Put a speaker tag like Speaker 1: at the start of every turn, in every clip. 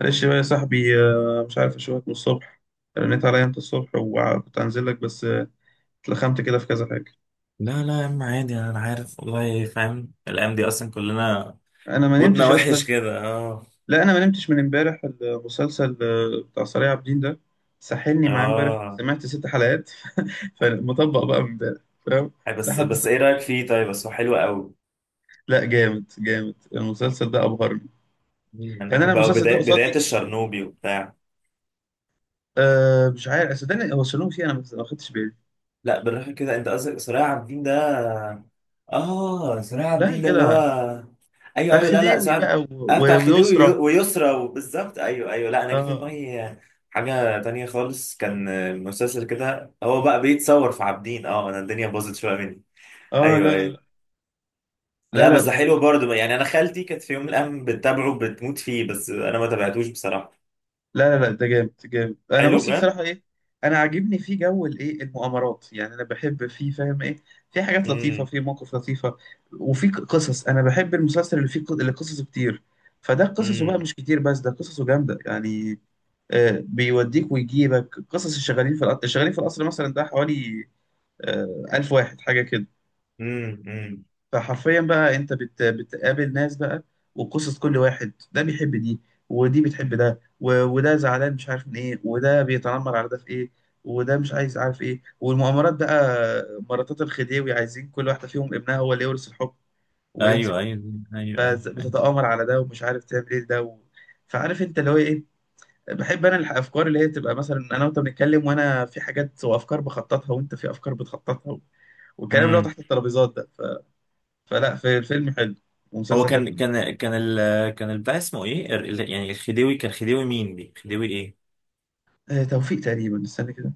Speaker 1: معلش بقى يا صاحبي، مش عارف اشوفك من الصبح. رنيت عليا انت الصبح وكنت هنزل لك بس اتلخمت كده في كذا حاجه.
Speaker 2: لا لا يا عم، عادي، انا عارف والله، فاهم الايام دي اصلا كلنا
Speaker 1: انا ما
Speaker 2: مودنا
Speaker 1: نمتش
Speaker 2: وحش
Speaker 1: اصلا.
Speaker 2: كده. اه،
Speaker 1: لا انا ما نمتش من امبارح، المسلسل بتاع صريع عابدين ده ساحلني معاه امبارح،
Speaker 2: اه،
Speaker 1: سمعت 6 حلقات. فمطبق بقى من امبارح، فاهم؟
Speaker 2: أي بس
Speaker 1: لحد س...
Speaker 2: بس ايه رايك فيه؟ طيب، بس هو حلو قوي.
Speaker 1: لا، جامد جامد، المسلسل ده ابهرني.
Speaker 2: انا
Speaker 1: يعني انا
Speaker 2: بحب قوي
Speaker 1: المسلسل ده
Speaker 2: بدايه بدايه
Speaker 1: قصادي.
Speaker 2: الشرنوبي وبتاع.
Speaker 1: أه، مش عارف صدقني، هو شالوه فيه، انا ما خدتش بالي.
Speaker 2: لا بالراحه كده، انت قصدك صلاح عابد الدين ده؟ اه، صلاح عابد
Speaker 1: لا يا
Speaker 2: الدين ده اللي
Speaker 1: جدع.
Speaker 2: هو... ايوه
Speaker 1: بتاع
Speaker 2: ايوه، لا لا،
Speaker 1: خديوي بقى
Speaker 2: اه بتاع خديوي
Speaker 1: ويسرى.
Speaker 2: ويسرى وبالظبط، ايوه ايوه. لا انا جه في
Speaker 1: اه،
Speaker 2: دماغي حاجه تانية خالص، كان مسلسل كده، هو بقى بيتصور في عابدين. اه، انا الدنيا باظت شويه مني.
Speaker 1: اه،
Speaker 2: ايوه
Speaker 1: لا،
Speaker 2: ايوه.
Speaker 1: لا، لا،
Speaker 2: لا بس
Speaker 1: لا،
Speaker 2: ده
Speaker 1: لا،
Speaker 2: حلو برضه يعني، انا خالتي كانت في يوم من الايام بتتابعه بتموت فيه، بس انا ما تابعتوش بصراحه.
Speaker 1: لا، لا، لا، ده جامد جامد، انا
Speaker 2: حلو
Speaker 1: بص
Speaker 2: بجد.
Speaker 1: بصراحه ايه. انا عاجبني فيه جو الايه المغامرات يعني، انا بحب فيه، فاهم ايه. في حاجات لطيفه،
Speaker 2: امم
Speaker 1: في مواقف لطيفه. وفي قصص، انا بحب المسلسل اللي فيه اللي قصصه كتير. فده قصصه بقى
Speaker 2: امم
Speaker 1: مش كتير، بس ده قصصه جامده يعني. آه، بيوديك ويجيبك قصص الشغالين في القصر، الشغالين في القصر مثلا ده حوالي 1000 واحد حاجه كده.
Speaker 2: امم امم
Speaker 1: فحرفيا بقى، انت بتقابل ناس بقى، وقصص كل واحد، ده بيحب دي، ودي بتحب ده، وده زعلان مش عارف من ايه، وده بيتنمر على ده في ايه، وده مش عايز، عارف ايه، والمؤامرات بقى. مراتات الخديوي عايزين كل واحدة فيهم ابنها هو اللي يورث الحكم ويمسك
Speaker 2: ايوه ايوه ايوه ايوه
Speaker 1: بقى،
Speaker 2: ايوه.
Speaker 1: بتتآمر على ده ومش عارف تعمل ايه ده فعارف انت اللي هو ايه. بحب انا الافكار اللي هي تبقى مثلا انا وانت بنتكلم، وانا في حاجات وافكار بخططها، وانت في افكار بتخططها، والكلام اللي هو
Speaker 2: امم
Speaker 1: تحت الترابيزات ده. فلا، في فيلم حلو
Speaker 2: هو
Speaker 1: ومسلسل حلو.
Speaker 2: كان البتاع اسمه ايه؟ يعني الخديوي كان خديوي مين دي، خديوي ايه؟
Speaker 1: آه، توفيق تقريبا، استنى كده.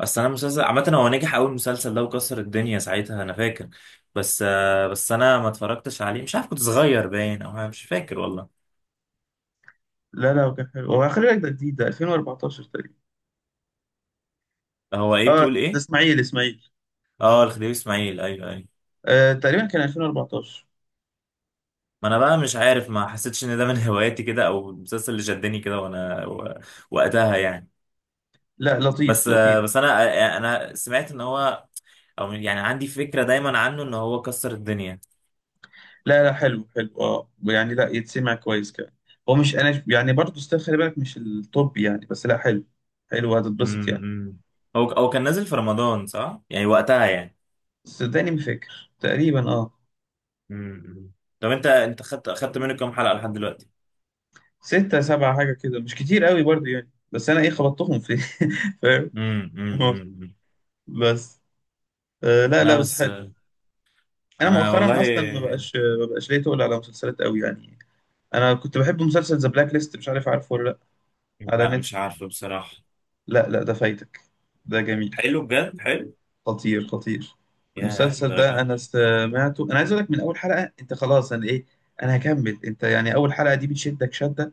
Speaker 2: اصل انا مسلسل عامه، هو نجح اول مسلسل ده وكسر الدنيا ساعتها، انا فاكر. بس بس انا ما اتفرجتش عليه، مش عارف، كنت صغير باين، او أنا مش فاكر والله.
Speaker 1: لا، لا، هو كان حلو، هو خلي بالك ده جديد، ده 2014 تقريبا.
Speaker 2: هو ايه؟
Speaker 1: اه،
Speaker 2: بتقول
Speaker 1: ده
Speaker 2: ايه؟
Speaker 1: اسماعيل، اسماعيل.
Speaker 2: اه، الخديوي اسماعيل، ايوه ايوه.
Speaker 1: آه، تقريبا كان 2014.
Speaker 2: ما انا بقى مش عارف، ما حسيتش ان ده من هواياتي كده، او المسلسل اللي شدني كده، وقتها يعني.
Speaker 1: لا، لطيف
Speaker 2: بس.
Speaker 1: لطيف.
Speaker 2: بس انا سمعت ان هو، او يعني عندي فكرة دايما عنه ان هو كسر الدنيا.
Speaker 1: لا، لا، حلو حلو، اه يعني لا يتسمع كويس كمان. هو مش انا يعني برضه ستيل، خلي بالك مش التوب يعني، بس لا حلو، حلو، هتتبسط يعني.
Speaker 2: إمم. هو كان نازل في رمضان صح؟ يعني وقتها يعني.
Speaker 1: صدقني ما فاكر تقريبا، اه.
Speaker 2: إمم. طب انت خدت منه كام حلقة لحد دلوقتي؟
Speaker 1: 6 7 حاجة كده، مش كتير قوي برضه يعني، بس انا ايه خبطتهم في. فاهم؟
Speaker 2: إمم، إمم.
Speaker 1: بس لا،
Speaker 2: لا
Speaker 1: لا، بس
Speaker 2: بس.
Speaker 1: حلو. انا
Speaker 2: انا
Speaker 1: مؤخرا
Speaker 2: والله.
Speaker 1: اصلا ما بقاش، ما بقاش ليا تقول على مسلسلات قوي يعني. انا كنت بحب مسلسل ذا بلاك ليست، مش عارف عارفه ولا لا؟ على
Speaker 2: لا مش
Speaker 1: نتفلكس.
Speaker 2: عارفه بصراحة.
Speaker 1: لا، لا، ده فايتك، ده جميل،
Speaker 2: حلو بجد، حلو.
Speaker 1: خطير خطير.
Speaker 2: يا
Speaker 1: المسلسل
Speaker 2: الدرجة
Speaker 1: ده
Speaker 2: دي!
Speaker 1: انا سمعته، انا عايز اقول لك، من اول حلقه انت خلاص، انا ايه، انا هكمل، انت يعني اول حلقه دي بتشدك شده،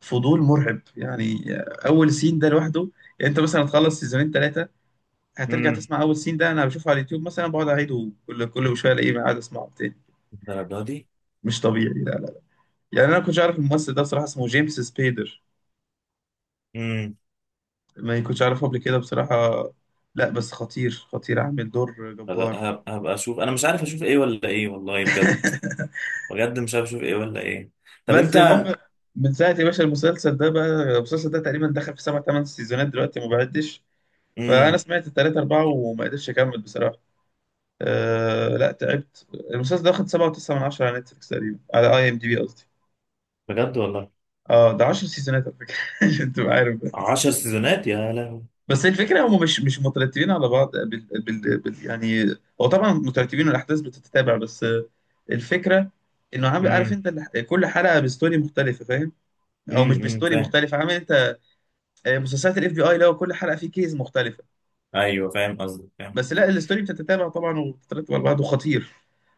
Speaker 1: فضول مرعب يعني. اول سين ده لوحده، يعني انت مثلا تخلص سيزونين ثلاثه، هترجع
Speaker 2: امم
Speaker 1: تسمع اول سين ده، انا بشوفه على اليوتيوب مثلا بقعد اعيده كل شويه الاقيه قاعد اسمعه تاني.
Speaker 2: الدرجة دي؟
Speaker 1: مش طبيعي. يعني انا كنتش عارف الممثل ده بصراحه، اسمه جيمس سبيدر،
Speaker 2: إمم.
Speaker 1: ما كنتش عارفه قبل كده بصراحه. لا بس خطير خطير، عامل دور
Speaker 2: لا،
Speaker 1: جبار.
Speaker 2: هبقى اشوف، انا مش عارف اشوف ايه ولا ايه والله بجد. بجد، مش عارف اشوف ايه ولا ايه. طب
Speaker 1: بس
Speaker 2: انت...
Speaker 1: المهم، من ساعه يا باشا المسلسل ده بقى، المسلسل ده تقريبا دخل في سبع ثمان سيزونات دلوقتي ما بعدش. فانا
Speaker 2: امم
Speaker 1: سمعت ال 3 4 وما قدرتش اكمل بصراحه. أه، لا تعبت، المسلسل ده واخد 7.9 من 10 على نتفليكس تقريبا، على اي ام دي بي قصدي.
Speaker 2: بجد والله.
Speaker 1: اه، ده 10 سيزونات على فكره. عشان تبقى عارف.
Speaker 2: عشر سيزونات! يا لهوي!
Speaker 1: بس الفكره هم مش مترتبين على بعض بال يعني، هو طبعا مترتبين والاحداث بتتتابع، بس الفكره انه عامل عارف
Speaker 2: امم
Speaker 1: انت كل حلقه بستوري مختلفه، فاهم؟ او مش بستوري
Speaker 2: فاهم.
Speaker 1: مختلفه، عامل انت مسلسلات الاف بي اي لو كل حلقه فيه كيس مختلفه.
Speaker 2: ايوه فاهم قصدك، فاهم
Speaker 1: بس
Speaker 2: قصدك.
Speaker 1: لا الستوري بتتتابع طبعا وبتترتب على بعض، وخطير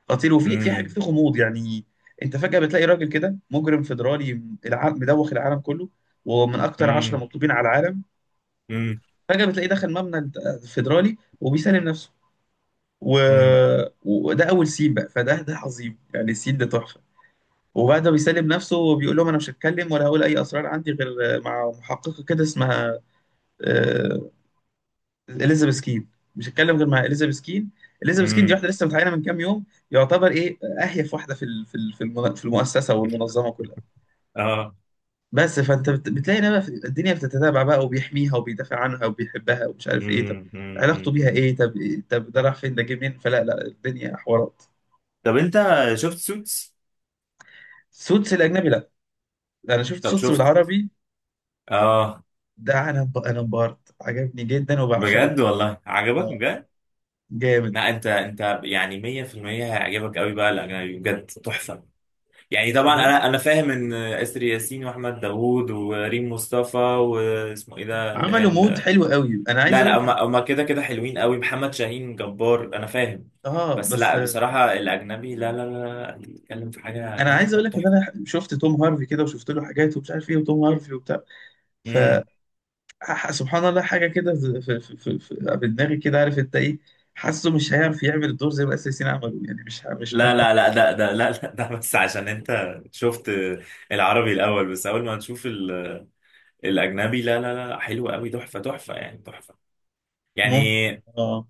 Speaker 1: خطير، وفي حاجه
Speaker 2: امم
Speaker 1: في غموض يعني. انت فجاه بتلاقي راجل كده مجرم فيدرالي، العالم مدوخ العالم كله، ومن اكتر عشرة
Speaker 2: امم
Speaker 1: مطلوبين على العالم.
Speaker 2: امم
Speaker 1: فجاه بتلاقيه دخل مبنى فيدرالي وبيسلم نفسه. و...
Speaker 2: امم
Speaker 1: وده اول سين بقى، فده عظيم يعني، السين ده تحفه. وبعد ما بيسلم نفسه وبيقول لهم انا مش هتكلم ولا هقول اي اسرار عندي غير مع محققه كده، اسمها آه، اليزابيث كين، مش هتكلم غير مع اليزابيث كين. اليزابيث كين دي
Speaker 2: امم
Speaker 1: واحده لسه متعينه من كام يوم، يعتبر ايه اهيف واحده في ال- في ال- في المن- في المؤسسه والمنظمه كلها.
Speaker 2: اه.
Speaker 1: بس فانت بتلاقي إن بقى الدنيا بتتتابع بقى وبيحميها وبيدافع عنها وبيحبها ومش عارف ايه، طب علاقته بيها
Speaker 2: أمم.
Speaker 1: ايه؟ طب، طب ده راح فين؟ ده جه منين؟ فلا لا، الدنيا حوارات.
Speaker 2: طب انت شفت سوتس؟
Speaker 1: سوتس الاجنبي. انا شفت
Speaker 2: طب
Speaker 1: صوتي
Speaker 2: شفت؟
Speaker 1: بالعربي.
Speaker 2: اه.
Speaker 1: ده انا انبهرت، عجبني جدا وبعشقه.
Speaker 2: بجد والله، عجبك
Speaker 1: اه،
Speaker 2: بجد؟
Speaker 1: جامد
Speaker 2: لا، انت يعني 100%، هيعجبك قوي بقى الاجنبي، بجد تحفة. يعني طبعا
Speaker 1: بجد،
Speaker 2: انا فاهم ان اسر ياسين واحمد داوود وريم مصطفى واسمه ايه ده، اللي هي
Speaker 1: عملوا مود
Speaker 2: ال-
Speaker 1: حلو قوي، انا عايز
Speaker 2: لا
Speaker 1: اقول
Speaker 2: لا،
Speaker 1: لك انا.
Speaker 2: هما كده كده حلوين قوي، محمد شاهين جبار، انا فاهم.
Speaker 1: اه
Speaker 2: بس
Speaker 1: بس
Speaker 2: لا، بصراحة الاجنبي، لا لا لا، انت بتتكلم في حاجة، لا
Speaker 1: انا
Speaker 2: لا
Speaker 1: عايز
Speaker 2: لا،
Speaker 1: اقول لك ان
Speaker 2: تحفة.
Speaker 1: انا شفت توم هارفي كده وشفت له حاجات ومش عارف ايه، وتوم هارفي وبتاع. ف
Speaker 2: امم
Speaker 1: سبحان الله حاجه كده في دماغي كده، عارف انت ايه، حاسه مش هيعرف يعمل الدور زي ما الاساسيين عملوا يعني، مش
Speaker 2: لا
Speaker 1: مرتاح.
Speaker 2: لا لا، ده، لا لا، ده بس عشان انت شفت العربي الاول، بس اول ما تشوف ال- الاجنبي، لا لا لا، حلو قوي، تحفة تحفة يعني، تحفة يعني.
Speaker 1: ممكن، اه،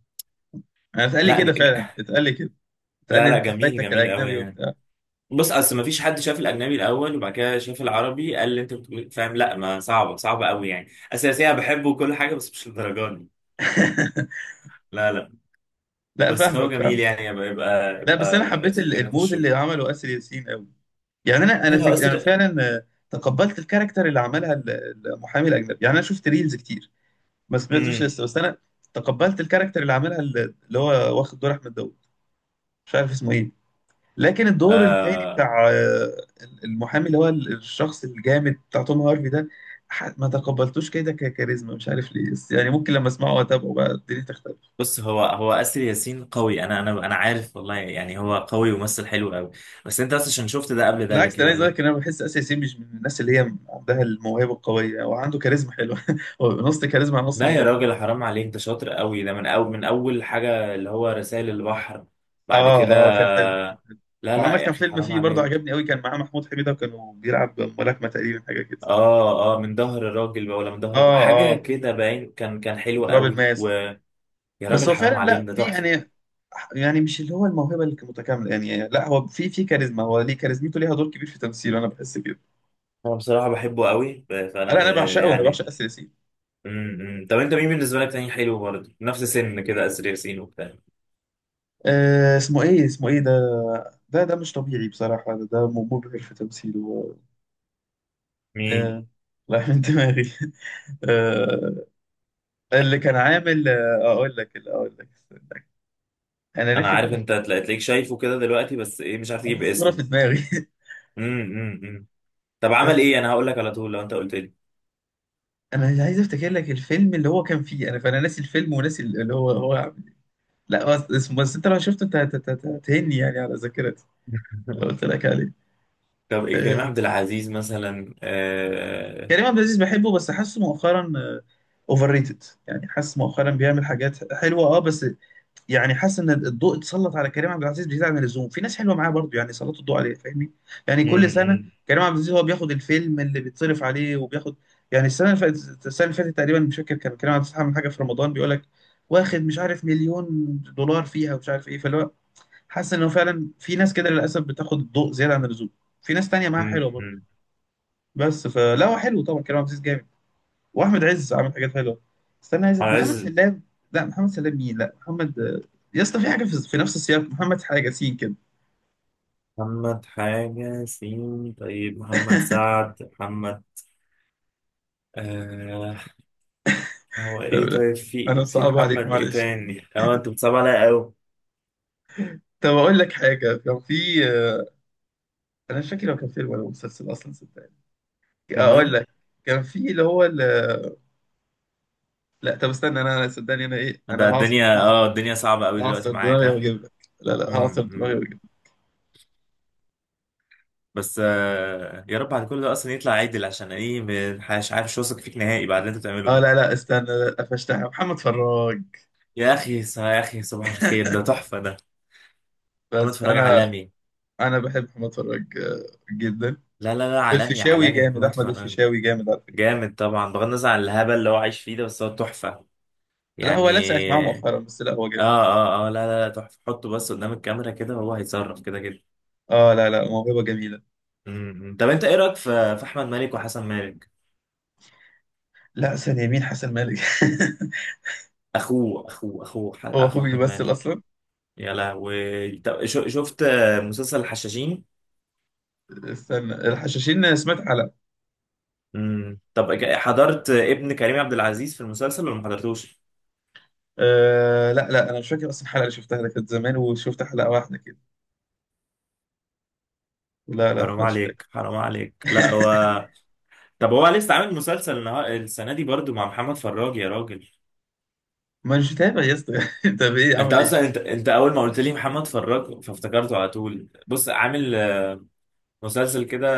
Speaker 1: انا اتقال لي
Speaker 2: لا
Speaker 1: كده فعلا، اتقال لي كده، اتقال
Speaker 2: لا
Speaker 1: لي
Speaker 2: لا،
Speaker 1: انت
Speaker 2: جميل
Speaker 1: فايتك
Speaker 2: جميل قوي
Speaker 1: الاجنبي
Speaker 2: يعني.
Speaker 1: وبتاع.
Speaker 2: بص، اصل ما فيش حد شاف الاجنبي الاول وبعد كده شاف العربي قال اللي انت بتقول إيه؟ فاهم؟ لا ما صعبه، صعبه قوي يعني، اساسيا بحبه وكل حاجه بس مش للدرجه دي. لا لا.
Speaker 1: لا،
Speaker 2: بس هو
Speaker 1: فاهمك
Speaker 2: جميل
Speaker 1: فاهمك.
Speaker 2: يعني، يبقى يبقى,
Speaker 1: لا،
Speaker 2: يبقى
Speaker 1: بس انا حبيت
Speaker 2: اسمه ايه؟
Speaker 1: المود
Speaker 2: نخش.
Speaker 1: اللي عمله اسر ياسين قوي. يعني
Speaker 2: لا، هو
Speaker 1: انا
Speaker 2: اسر.
Speaker 1: فعلا تقبلت الكاركتر اللي عملها المحامي الاجنبي، يعني انا شفت ريلز كتير، ما سمعتوش
Speaker 2: امم
Speaker 1: لسه، بس انا تقبلت الكاركتر اللي عملها اللي هو واخد دور احمد داوود، مش عارف اسمه ايه. لكن الدور التاني
Speaker 2: آه
Speaker 1: بتاع المحامي اللي هو الشخص الجامد بتاع توم هارفي ده، ما تقبلتوش كده ككاريزما، مش عارف ليه، بس يعني ممكن لما اسمعه واتابعه بقى الدنيا تختلف.
Speaker 2: بص، هو اسر ياسين قوي، انا عارف والله يعني، هو قوي وممثل حلو قوي. بس انت اصلا عشان شفت ده قبل ده،
Speaker 1: بالعكس،
Speaker 2: لكن
Speaker 1: ده انا عايز اقول
Speaker 2: لما...
Speaker 1: لك ان انا بحس اسيا ياسين مش من الناس اللي هي عندها الموهبه القويه، هو عنده كاريزما حلوه هو نص كاريزما على نص
Speaker 2: لا يا
Speaker 1: موهبه.
Speaker 2: راجل حرام عليك، ده شاطر قوي، ده من اول حاجه اللي هو رسائل البحر، بعد كده.
Speaker 1: اه اه، كان حلو كان حلو.
Speaker 2: لا لا
Speaker 1: وعمل
Speaker 2: يا
Speaker 1: كان
Speaker 2: اخي
Speaker 1: فيلم
Speaker 2: حرام
Speaker 1: فيه برضه
Speaker 2: عليك.
Speaker 1: عجبني قوي، كان معاه محمود حميده وكانوا بيلعب ملاكمه تقريبا حاجه كده.
Speaker 2: اه اه، من ظهر الراجل بقى، ولا من ظهر بقى.
Speaker 1: اه،
Speaker 2: حاجه
Speaker 1: اه،
Speaker 2: كده باين، كان حلو
Speaker 1: وتراب
Speaker 2: قوي.
Speaker 1: الماس.
Speaker 2: ويا
Speaker 1: بس
Speaker 2: راجل
Speaker 1: هو
Speaker 2: حرام
Speaker 1: فعلا
Speaker 2: عليك،
Speaker 1: لا
Speaker 2: ده
Speaker 1: في
Speaker 2: تحفه.
Speaker 1: يعني، يعني مش اللي هو الموهبه اللي متكامله يعني، لا هو في كاريزما، هو ليه كاريزمته ليها دور كبير في تمثيله، انا بحس كده.
Speaker 2: انا بصراحه بحبه قوي، فانا
Speaker 1: لا انا بعشقه، انا
Speaker 2: يعني.
Speaker 1: بعشق اسيا ياسين.
Speaker 2: إمم. طب انت مين بالنسبه لك تاني حلو برضه نفس سن كده اسر ياسين وبتاع؟
Speaker 1: اسمه ايه؟ اسمه ايه ده؟ ده مش طبيعي بصراحة، مبهر في تمثيله.
Speaker 2: مين؟
Speaker 1: آه، راح من دماغي. آه، اللي كان عامل اقول لك استنى. انا
Speaker 2: انا
Speaker 1: ناسي
Speaker 2: عارف
Speaker 1: كل حاجة.
Speaker 2: انت تلاقيك شايفه كده دلوقتي، بس ايه، مش عارف
Speaker 1: انا
Speaker 2: تجيب
Speaker 1: الصورة في
Speaker 2: اسمه.
Speaker 1: دماغي.
Speaker 2: إمم، إمم. طب عمل ايه؟
Speaker 1: آه،
Speaker 2: انا هقول لك على طول لو انت قلت لي.
Speaker 1: انا عايز افتكر لك الفيلم اللي هو كان فيه انا، فانا ناسي الفيلم وناسي اللي هو عامل إيه. لا بس اسمه، بس انت لو شفته انت هتهني يعني على ذاكرتي لو قلت لك عليه.
Speaker 2: طب إيه، كريم
Speaker 1: آه،
Speaker 2: عبد العزيز مثلا،
Speaker 1: كريم عبد العزيز بحبه، بس حاسه مؤخرا اوفر ريتد يعني، حاسس مؤخرا بيعمل حاجات حلوه اه، بس يعني حاسس ان الضوء اتسلط على كريم عبد العزيز بزياده عن اللزوم، في ناس حلوه معاه برضه يعني سلطوا الضوء عليه، فاهمني؟ يعني كل سنه
Speaker 2: امم
Speaker 1: كريم عبد العزيز هو بياخد الفيلم اللي بيتصرف عليه وبياخد يعني، السنه اللي فاتت تقريبا مش فاكر، كان كريم عبد العزيز عامل حاجه في رمضان بيقول لك واخد مش عارف مليون دولار فيها ومش عارف ايه، فاللي هو حاسس انه فعلا في ناس كده للاسف بتاخد الضوء زياده عن اللزوم، في ناس تانية معاها حلوه برضه. بس فلا هو حلو طبعا، كريم عبد العزيز جامد، واحمد عز عامل حاجات حلوه. استنى عايز، محمد
Speaker 2: عز.
Speaker 1: سلام. لا، محمد سلام مين؟ لا، محمد يا اسطى في حاجه، في نفس السياق محمد حاجه سين كده.
Speaker 2: محمد حاجة سين؟ طيب محمد سعد، محمد... آه هو
Speaker 1: طب
Speaker 2: ايه؟
Speaker 1: لا،
Speaker 2: طيب
Speaker 1: انا
Speaker 2: في
Speaker 1: صعب عليك
Speaker 2: محمد ايه
Speaker 1: معلش.
Speaker 2: تاني؟ اه، انت بتصعب عليا قوي،
Speaker 1: طب اقول لك حاجه، كان في انا مش فاكر هو كان فيلم ولا مسلسل اصلا صدقني، اقول
Speaker 2: كمان.
Speaker 1: لك، كان في اللي هو لا طب استنى، انا صدقني انا ايه، انا
Speaker 2: ده
Speaker 1: هعصر
Speaker 2: الدنيا،
Speaker 1: دماغي،
Speaker 2: الدنيا صعبة قوي دلوقتي
Speaker 1: هعصر
Speaker 2: معاك،
Speaker 1: دماغي
Speaker 2: ها.
Speaker 1: واجيب لك، لا لا، هعصر دماغي
Speaker 2: امم
Speaker 1: واجيب لك.
Speaker 2: بس يا رب على كل ده اصلا يطلع عدل، عشان ايه؟ مش عارف، مش واثق فيك نهائي بعد اللي انت بتعمله
Speaker 1: اه لا
Speaker 2: ده.
Speaker 1: لا استنى، لا قفشتها، محمد فراج.
Speaker 2: يا اخي يا اخي صباح الخير، ده تحفة ده. محمد
Speaker 1: بس
Speaker 2: فراج
Speaker 1: انا،
Speaker 2: عالمي.
Speaker 1: انا بحب محمد فراج جدا.
Speaker 2: لا لا لا، عالمي،
Speaker 1: والفيشاوي
Speaker 2: عالمي
Speaker 1: جامد،
Speaker 2: محمد
Speaker 1: احمد
Speaker 2: فراج.
Speaker 1: الفيشاوي جامد على فكره.
Speaker 2: جامد طبعا، بغض النظر عن الهبل اللي هو عايش فيه ده، بس هو تحفة
Speaker 1: لا
Speaker 2: يعني.
Speaker 1: هو لسه معاه مؤخرا بس، لا هو
Speaker 2: اه
Speaker 1: جامد.
Speaker 2: اه اه، لا لا لا، تحفة. حطه بس قدام الكاميرا كده وهو هيتصرف كده كده.
Speaker 1: اه، لا لا، موهبه جميله.
Speaker 2: طب انت ايه رايك في احمد مالك وحسن مالك؟
Speaker 1: لا ثانيه، مين حسن مالك؟ هو
Speaker 2: اخو
Speaker 1: اخوه
Speaker 2: احمد
Speaker 1: بيمثل
Speaker 2: مالك.
Speaker 1: اصلا؟
Speaker 2: يا لهوي! طب شفت مسلسل الحشاشين؟
Speaker 1: استنى، الحشاشين سمعت حلقه.
Speaker 2: طب حضرت ابن كريم عبد العزيز في المسلسل ولا ما حضرتوش؟
Speaker 1: آه، لا لا، انا مش فاكر اصلا، الحلقه اللي شفتها ده كانت زمان وشفت حلقه واحده كده، لا لا
Speaker 2: حرام
Speaker 1: مش فاكر.
Speaker 2: عليك، حرام عليك، لا هو... طب هو لسه عامل مسلسل السنه دي برضو مع محمد فراج، يا راجل.
Speaker 1: ما مش متابع يا اسطى. طب ايه،
Speaker 2: انت
Speaker 1: عامل
Speaker 2: اصلا،
Speaker 1: ايه؟
Speaker 2: انت اول ما قلت لي محمد فراج فافتكرته على طول. بص عامل مسلسل كده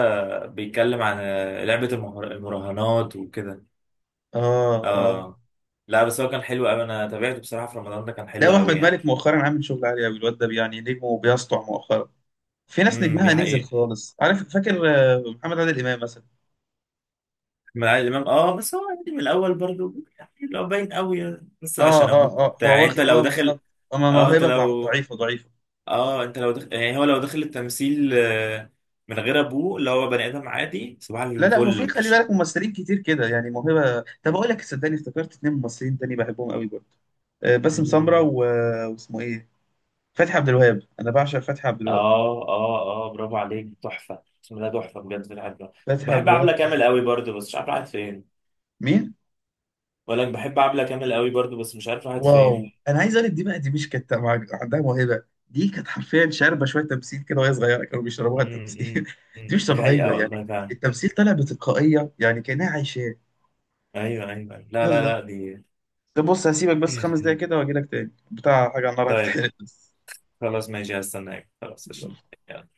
Speaker 2: بيتكلم عن لعبة المراهنات وكده.
Speaker 1: اه اه،
Speaker 2: اه. لا بس هو كان حلو قوي، انا تابعته بصراحة في رمضان، ده كان
Speaker 1: لا،
Speaker 2: حلو
Speaker 1: واحمد
Speaker 2: قوي يعني.
Speaker 1: مالك مؤخرا عامل شغل عالي قوي، الواد ده يعني نجمه بيسطع مؤخرا. في ناس
Speaker 2: دي
Speaker 1: نجمها نزل
Speaker 2: حقيقة.
Speaker 1: خالص، عارف، فاكر محمد عادل امام مثلا.
Speaker 2: من عادل امام، اه، بس هو يعني من الاول برضو يعني، لو باين قوي يعني، بس
Speaker 1: اه
Speaker 2: عشان
Speaker 1: اه
Speaker 2: ابوك
Speaker 1: اه،
Speaker 2: وبتاع،
Speaker 1: هو
Speaker 2: يعني انت
Speaker 1: واخد
Speaker 2: لو
Speaker 1: اه
Speaker 2: داخل...
Speaker 1: بالظبط، اما
Speaker 2: اه انت
Speaker 1: موهبه
Speaker 2: لو...
Speaker 1: ضعيفه ضعيفه.
Speaker 2: اه انت لو داخل يعني، هو لو داخل التمثيل، من غير ابوه، اللي هو بني ادم عادي، صباح
Speaker 1: لا لا هو
Speaker 2: الفل،
Speaker 1: في خلي
Speaker 2: مش...
Speaker 1: بالك ممثلين كتير كده يعني موهبه. طب اقول لك صدقني، افتكرت اتنين ممثلين تاني بحبهم قوي برضه. باسم سمرة واسمه ايه، فتحي عبد الوهاب، انا بعشق فتحي عبد الوهاب،
Speaker 2: اه اه اه، برافو عليك، تحفه اسمه ده، تحفه بجد في الحاجة.
Speaker 1: فتحي عبد
Speaker 2: وبحب عبله
Speaker 1: الوهاب
Speaker 2: كامل
Speaker 1: جامد.
Speaker 2: قوي برضه، بس مش عارف راحت فين.
Speaker 1: مين؟
Speaker 2: ولا بحب عبله كامل قوي برضه، بس مش عارف راحت
Speaker 1: واو،
Speaker 2: فين.
Speaker 1: انا عايز اقول لك، دي بقى، دي مش كانت عندها موهبه، دي كانت حرفيا شاربه شويه تمثيل كده وهي صغيره، كانوا بيشربوها
Speaker 2: مم، مم،
Speaker 1: التمثيل. دي
Speaker 2: مم.
Speaker 1: مش
Speaker 2: دي حقيقه
Speaker 1: طبيعيه يعني،
Speaker 2: والله فعلا.
Speaker 1: التمثيل طالع بتلقائيه يعني كانها عايشاه.
Speaker 2: ايوه ايوه أيوة. لا لا
Speaker 1: يلا،
Speaker 2: لا، دي...
Speaker 1: ده بص هسيبك بس
Speaker 2: خير
Speaker 1: 5 دقايق
Speaker 2: خير.
Speaker 1: كده واجي لك تاني، بتاع حاجة على النار
Speaker 2: طيب،
Speaker 1: هتتحرق بس.
Speaker 2: خلاص ماشي، هستناك، خلاص، قشطة.
Speaker 1: يلا.
Speaker 2: يلا.